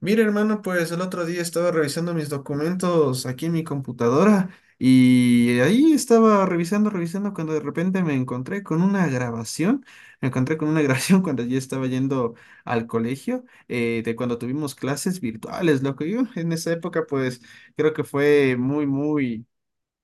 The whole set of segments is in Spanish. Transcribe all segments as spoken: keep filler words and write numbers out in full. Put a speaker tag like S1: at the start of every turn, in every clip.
S1: Mira, hermano, pues el otro día estaba revisando mis documentos aquí en mi computadora y ahí estaba revisando, revisando cuando de repente me encontré con una grabación, me encontré con una grabación cuando yo estaba yendo al colegio, eh, de cuando tuvimos clases virtuales, loco. Yo en esa época pues creo que fue muy, muy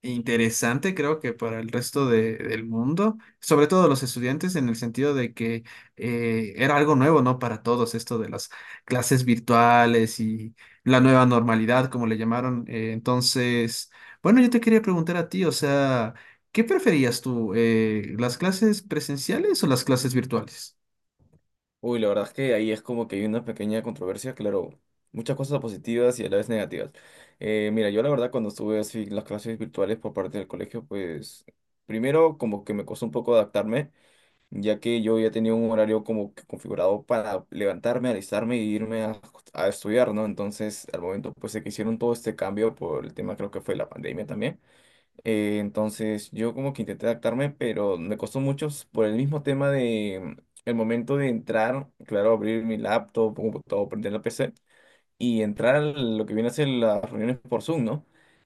S1: interesante. Creo que para el resto de- del mundo, sobre todo los estudiantes, en el sentido de que eh, era algo nuevo, ¿no? Para todos, esto de las clases virtuales y la nueva normalidad, como le llamaron. Eh, entonces, bueno, yo te quería preguntar a ti, o sea, ¿qué preferías tú, eh, las clases presenciales o las clases virtuales?
S2: Uy, la verdad es que ahí es como que hay una pequeña controversia, claro, muchas cosas positivas y a la vez negativas. Eh, mira, yo la verdad cuando estuve así en las clases virtuales por parte del colegio, pues primero como que me costó un poco adaptarme, ya que yo ya tenía un horario como que configurado para levantarme, alistarme y irme a, a estudiar, ¿no? Entonces, al momento pues de que hicieron todo este cambio por el tema creo que fue la pandemia también eh, entonces yo como que intenté adaptarme, pero me costó mucho s- por el mismo tema de el momento de entrar, claro, abrir mi laptop, computador, prender la P C y entrar a lo que viene a ser las reuniones por Zoom, ¿no?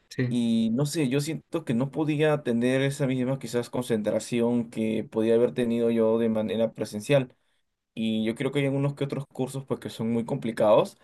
S1: Sí.
S2: Y no sé, yo siento que no podía tener esa misma quizás concentración que podía haber tenido yo de manera presencial. Y yo creo que hay algunos que otros cursos pues que son muy complicados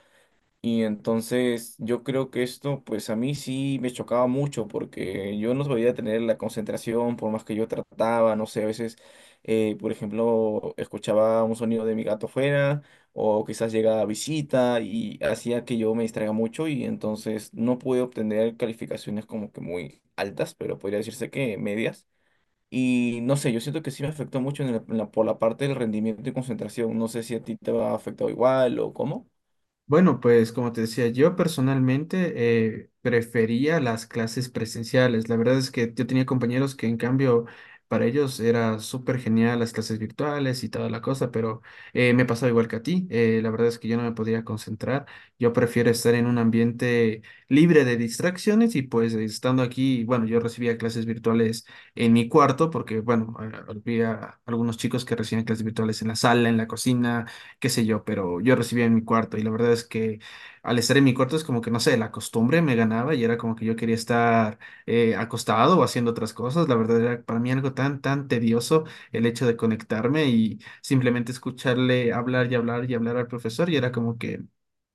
S2: y entonces yo creo que esto, pues a mí sí me chocaba mucho porque yo no podía tener la concentración por más que yo trataba, no sé, a veces, eh, por ejemplo, escuchaba un sonido de mi gato fuera o quizás llegaba a visita y hacía que yo me distraiga mucho y entonces no pude obtener calificaciones como que muy altas, pero podría decirse que medias. Y no sé, yo siento que sí me afectó mucho en la- en la- por la parte del rendimiento y concentración. No sé si a ti te ha afectado igual o cómo.
S1: Bueno, pues como te decía, yo personalmente eh, prefería las clases presenciales. La verdad es que yo tenía compañeros que en cambio para ellos era súper genial las clases virtuales y toda la cosa, pero eh, me pasaba igual que a ti. Eh, la verdad es que yo no me podía concentrar. Yo prefiero estar en un ambiente libre de distracciones y pues estando aquí, bueno, yo recibía clases virtuales en mi cuarto porque, bueno, a- había algunos chicos que recibían clases virtuales en la sala, en la cocina, qué sé yo, pero yo recibía en mi cuarto, y la verdad es que al estar en mi cuarto es como que, no sé, la costumbre me ganaba y era como que yo quería estar eh, acostado o haciendo otras cosas. La verdad era para mí algo tan, tan tedioso el hecho de conectarme y simplemente escucharle hablar y hablar y hablar al profesor y era como que...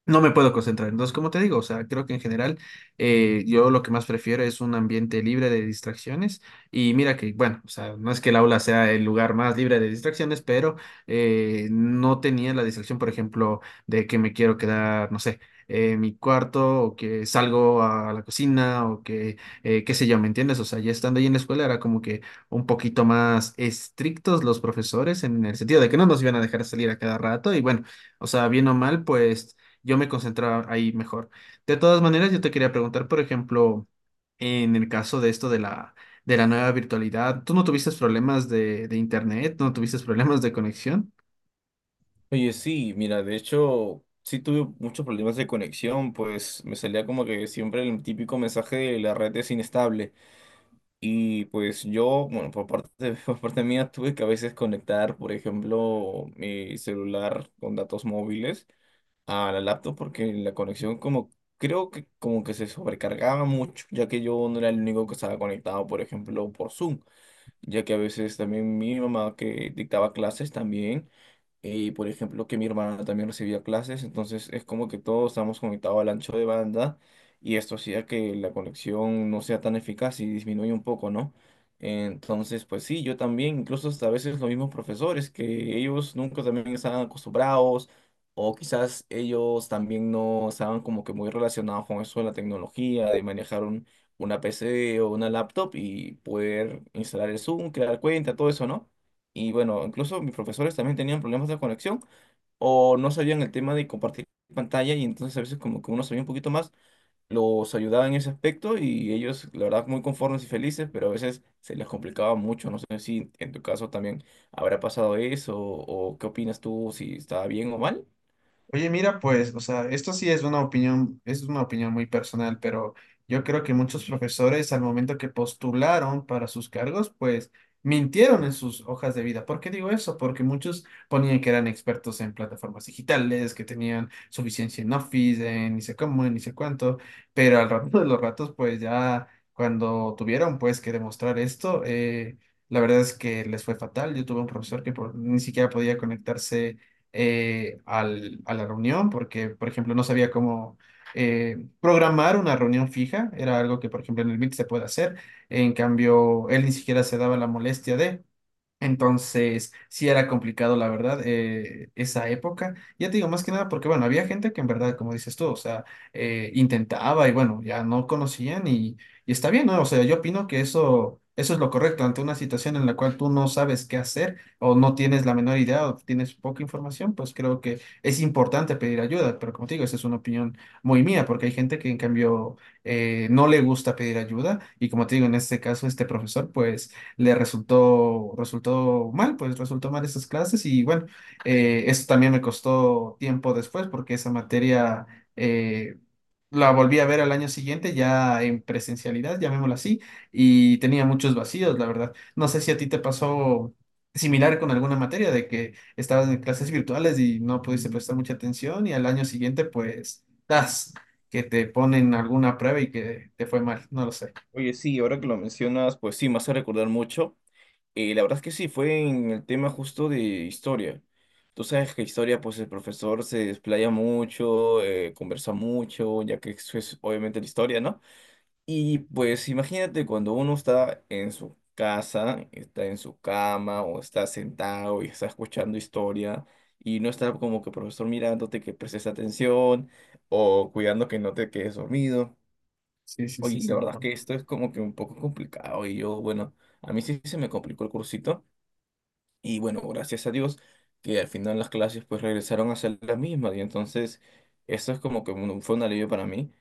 S1: No me puedo concentrar. Entonces, como te digo, o sea, creo que en general eh, yo lo que más prefiero es un ambiente libre de distracciones. Y mira que, bueno, o sea, no es que el aula sea el lugar más libre de distracciones, pero eh, no tenía la distracción, por ejemplo, de que me quiero quedar, no sé, en mi cuarto o que salgo a la cocina o que, eh, qué sé yo, ¿me entiendes? O sea, ya estando ahí en la escuela era como que un poquito más estrictos los profesores en el sentido de que no nos iban a dejar salir a cada rato, y bueno, o sea, bien o mal, pues yo me concentraba ahí mejor. De todas maneras, yo te quería preguntar, por ejemplo, en el caso de esto de la, de la nueva virtualidad, ¿tú no tuviste problemas de, de internet? ¿No tuviste problemas de conexión?
S2: Oye, sí, mira, de hecho, sí tuve muchos problemas de conexión, pues me salía como que siempre el típico mensaje de la red es inestable. Y pues yo, bueno, por parte, por parte mía, tuve que a veces conectar, por ejemplo, mi celular con datos móviles a la laptop porque la conexión como, creo que como que se sobrecargaba mucho, ya que yo no era el único que estaba conectado, por ejemplo, por Zoom ya que a veces también mi mamá que dictaba clases también, y por ejemplo que mi hermana también recibía clases, entonces es como que todos estamos conectados al ancho de banda y esto hacía que la conexión no sea tan eficaz y disminuye un poco, ¿no? Entonces, pues sí, yo también, incluso hasta a veces los mismos profesores, que ellos nunca también estaban acostumbrados. O quizás ellos también no estaban como que muy relacionados con eso de la tecnología, de manejar una P C o una laptop y poder instalar el Zoom, crear cuenta, todo eso, ¿no? Y bueno, incluso mis profesores también tenían problemas de conexión o no sabían el tema de compartir pantalla y entonces a veces como que uno sabía un poquito más, los ayudaba en ese aspecto y ellos, la verdad, muy conformes y felices, pero a veces se les complicaba mucho. No sé si en tu caso también habrá pasado eso o qué opinas tú, si estaba bien o mal.
S1: Oye, mira, pues, o sea, esto sí es una opinión, es una opinión muy personal, pero yo creo que muchos profesores al momento que postularon para sus cargos, pues mintieron en sus hojas de vida. ¿Por qué digo eso? Porque muchos ponían que eran expertos en plataformas digitales, que tenían suficiencia en Office, en ni sé cómo, en ni sé cuánto, pero al rato de los ratos, pues ya cuando tuvieron pues que demostrar esto, eh, la verdad es que les fue fatal. Yo tuve un profesor que por- ni siquiera podía conectarse eh, al- a la reunión porque, por ejemplo, no sabía cómo eh, programar una reunión fija. Era algo que, por ejemplo, en el Meet se puede hacer. En cambio, él ni siquiera se daba la molestia de. Entonces, sí era complicado, la verdad, eh, esa época. Ya te digo, más que nada, porque bueno, había gente que en verdad, como dices tú, o sea, eh, intentaba y bueno, ya no conocían, y, y está bien, ¿no? O sea, yo opino que eso, eso es lo correcto ante una situación en la cual tú no sabes qué hacer o no tienes la menor idea o tienes poca información. Pues creo que es importante pedir ayuda, pero como te digo, esa es una opinión muy mía, porque hay gente que en cambio eh, no le gusta pedir ayuda y como te digo, en este caso, este profesor, pues le resultó, resultó mal, pues resultó mal esas clases, y bueno, eh, eso también me costó tiempo después porque esa materia eh, la volví a ver al año siguiente ya en presencialidad, llamémoslo así, y tenía muchos vacíos, la verdad. No sé si a ti te pasó similar con alguna materia de que estabas en clases virtuales y no pudiste prestar mucha atención y al año siguiente pues, das que te ponen alguna prueba y que te fue mal, no lo sé.
S2: Oye, sí, ahora que lo mencionas, pues sí, me hace recordar mucho. Eh, la verdad es que sí, fue en el tema justo de historia. Tú sabes que historia, pues el profesor se desplaya mucho, eh, conversa mucho, ya que eso es obviamente la historia, ¿no? Y pues imagínate cuando uno está en su casa, está en su cama o está sentado y está escuchando historia y no está como que profesor mirándote que prestes atención o cuidando que no te quedes dormido.
S1: Sí, sí, sí,
S2: Oye,
S1: sí,
S2: la
S1: me
S2: verdad es
S1: acuerdo.
S2: que esto es como que un poco complicado y yo, bueno, a mí sí se me complicó el cursito. Y bueno, gracias a Dios que al final las clases pues regresaron a ser las mismas y entonces eso es como que un- fue un alivio para mí,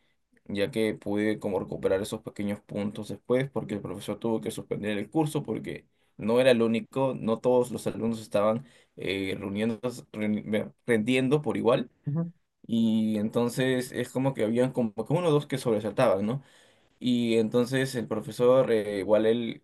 S2: ya que pude como recuperar esos pequeños puntos después porque el profesor tuvo que suspender el curso porque no era el único, no todos los alumnos estaban eh, reuniendo, reuni- rendiendo por igual y entonces es como que habían como que uno o dos que sobresaltaban, ¿no? Y entonces el profesor, eh, igual él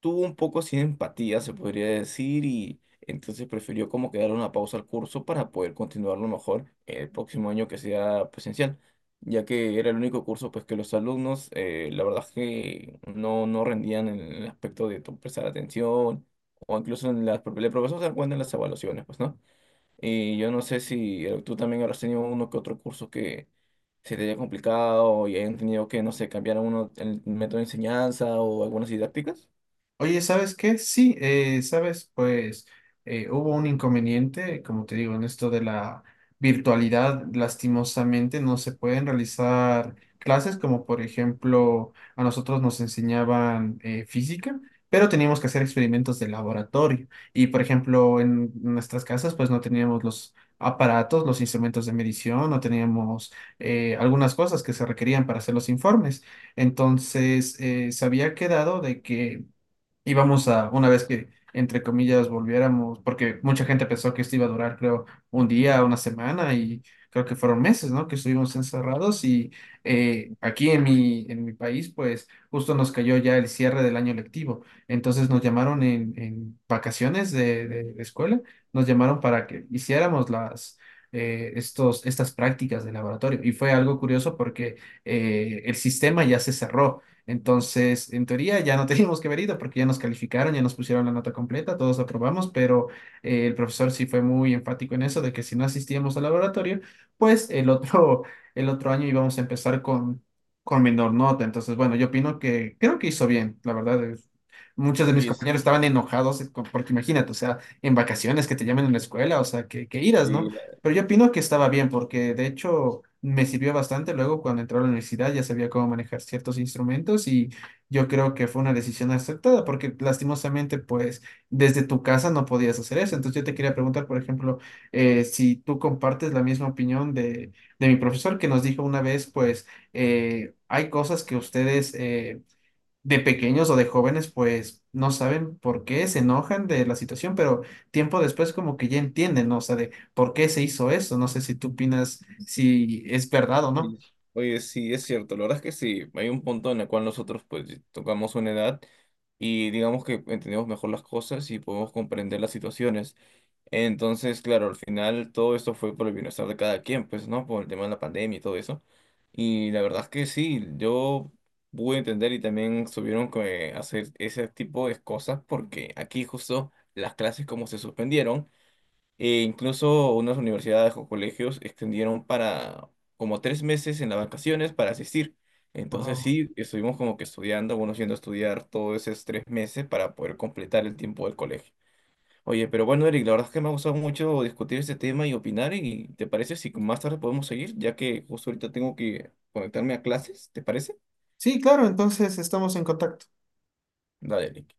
S2: tuvo un poco sin empatía, se podría decir, y entonces prefirió como que darle una pausa al curso para poder continuarlo mejor el próximo año que sea presencial, ya que era el único curso pues que los alumnos, eh, la verdad es que no, no rendían en el aspecto de to- prestar atención, o incluso en las, el profesor se da cuenta en las evaluaciones, pues, ¿no? Y yo no sé si eh, tú también habrás tenido uno que otro curso que se te haya complicado y hayan tenido que, no sé, cambiar uno el método de enseñanza o algunas didácticas.
S1: Oye, ¿sabes qué? Sí, eh, sabes, pues eh, hubo un inconveniente, como te digo, en esto de la virtualidad. Lastimosamente no se pueden realizar clases como por ejemplo a nosotros nos enseñaban eh, física, pero teníamos que hacer experimentos de laboratorio y por ejemplo en nuestras casas pues no teníamos los aparatos, los instrumentos de medición, no teníamos eh, algunas cosas que se requerían para hacer los informes. Entonces, eh, se había quedado de que íbamos a, una vez que, entre comillas, volviéramos, porque mucha gente pensó que esto iba a durar, creo, un día, una semana, y creo que fueron meses, ¿no? Que estuvimos encerrados. Y eh, aquí en mi, en mi país, pues justo nos cayó ya el cierre del año lectivo. Entonces nos llamaron en, en vacaciones de, de, de escuela, nos llamaron para que hiciéramos las... eh, estos, estas prácticas de laboratorio. Y fue algo curioso porque eh, el sistema ya se cerró. Entonces, en teoría ya no teníamos que ver ido porque ya nos calificaron, ya nos pusieron la nota completa, todos aprobamos, pero eh, el profesor sí fue muy enfático en eso de que si no asistíamos al laboratorio, pues el otro, el otro año íbamos a empezar con, con menor nota. Entonces, bueno, yo opino que creo que hizo bien, la verdad. es- Muchos de mis
S2: Oye,
S1: compañeros
S2: sí,
S1: estaban enojados eh, con- porque imagínate, o sea, en vacaciones que te llamen en la escuela, o sea, que, que iras, ¿no?
S2: sí, la-
S1: Pero yo opino que estaba bien porque de hecho me sirvió bastante. Luego cuando entré a la universidad ya sabía cómo manejar ciertos instrumentos, y yo creo que fue una decisión acertada porque lastimosamente pues desde tu casa no podías hacer eso. Entonces yo te quería preguntar, por ejemplo, eh, si tú compartes la misma opinión de, de mi profesor que nos dijo una vez pues eh, hay cosas que ustedes... eh, de pequeños o de jóvenes, pues no saben por qué se enojan de la situación, pero tiempo después como que ya entienden, ¿no? O sea, de por qué se hizo eso. No sé si tú opinas si es verdad o no.
S2: es- oye, sí, es cierto. La verdad es que sí, hay un punto en el cual nosotros pues tocamos una edad y digamos que entendemos mejor las cosas y podemos comprender las situaciones. Entonces, claro, al final todo esto fue por el bienestar de cada quien, pues, ¿no? Por el tema de la pandemia y todo eso. Y la verdad es que sí, yo pude entender y también tuvieron que hacer ese tipo de cosas porque aquí justo las clases como se suspendieron, e incluso unas universidades o colegios extendieron para como tres meses en las vacaciones para asistir. Entonces
S1: Wao.
S2: sí, estuvimos como que estudiando, bueno, yendo a estudiar todos esos tres meses para poder completar el tiempo del colegio. Oye, pero bueno, Eric, la verdad es que me ha gustado mucho discutir este tema y opinar. ¿Y te parece si más tarde podemos seguir? Ya que justo ahorita tengo que conectarme a clases, ¿te parece?
S1: Sí, claro, entonces estamos en contacto.
S2: Dale, Eric.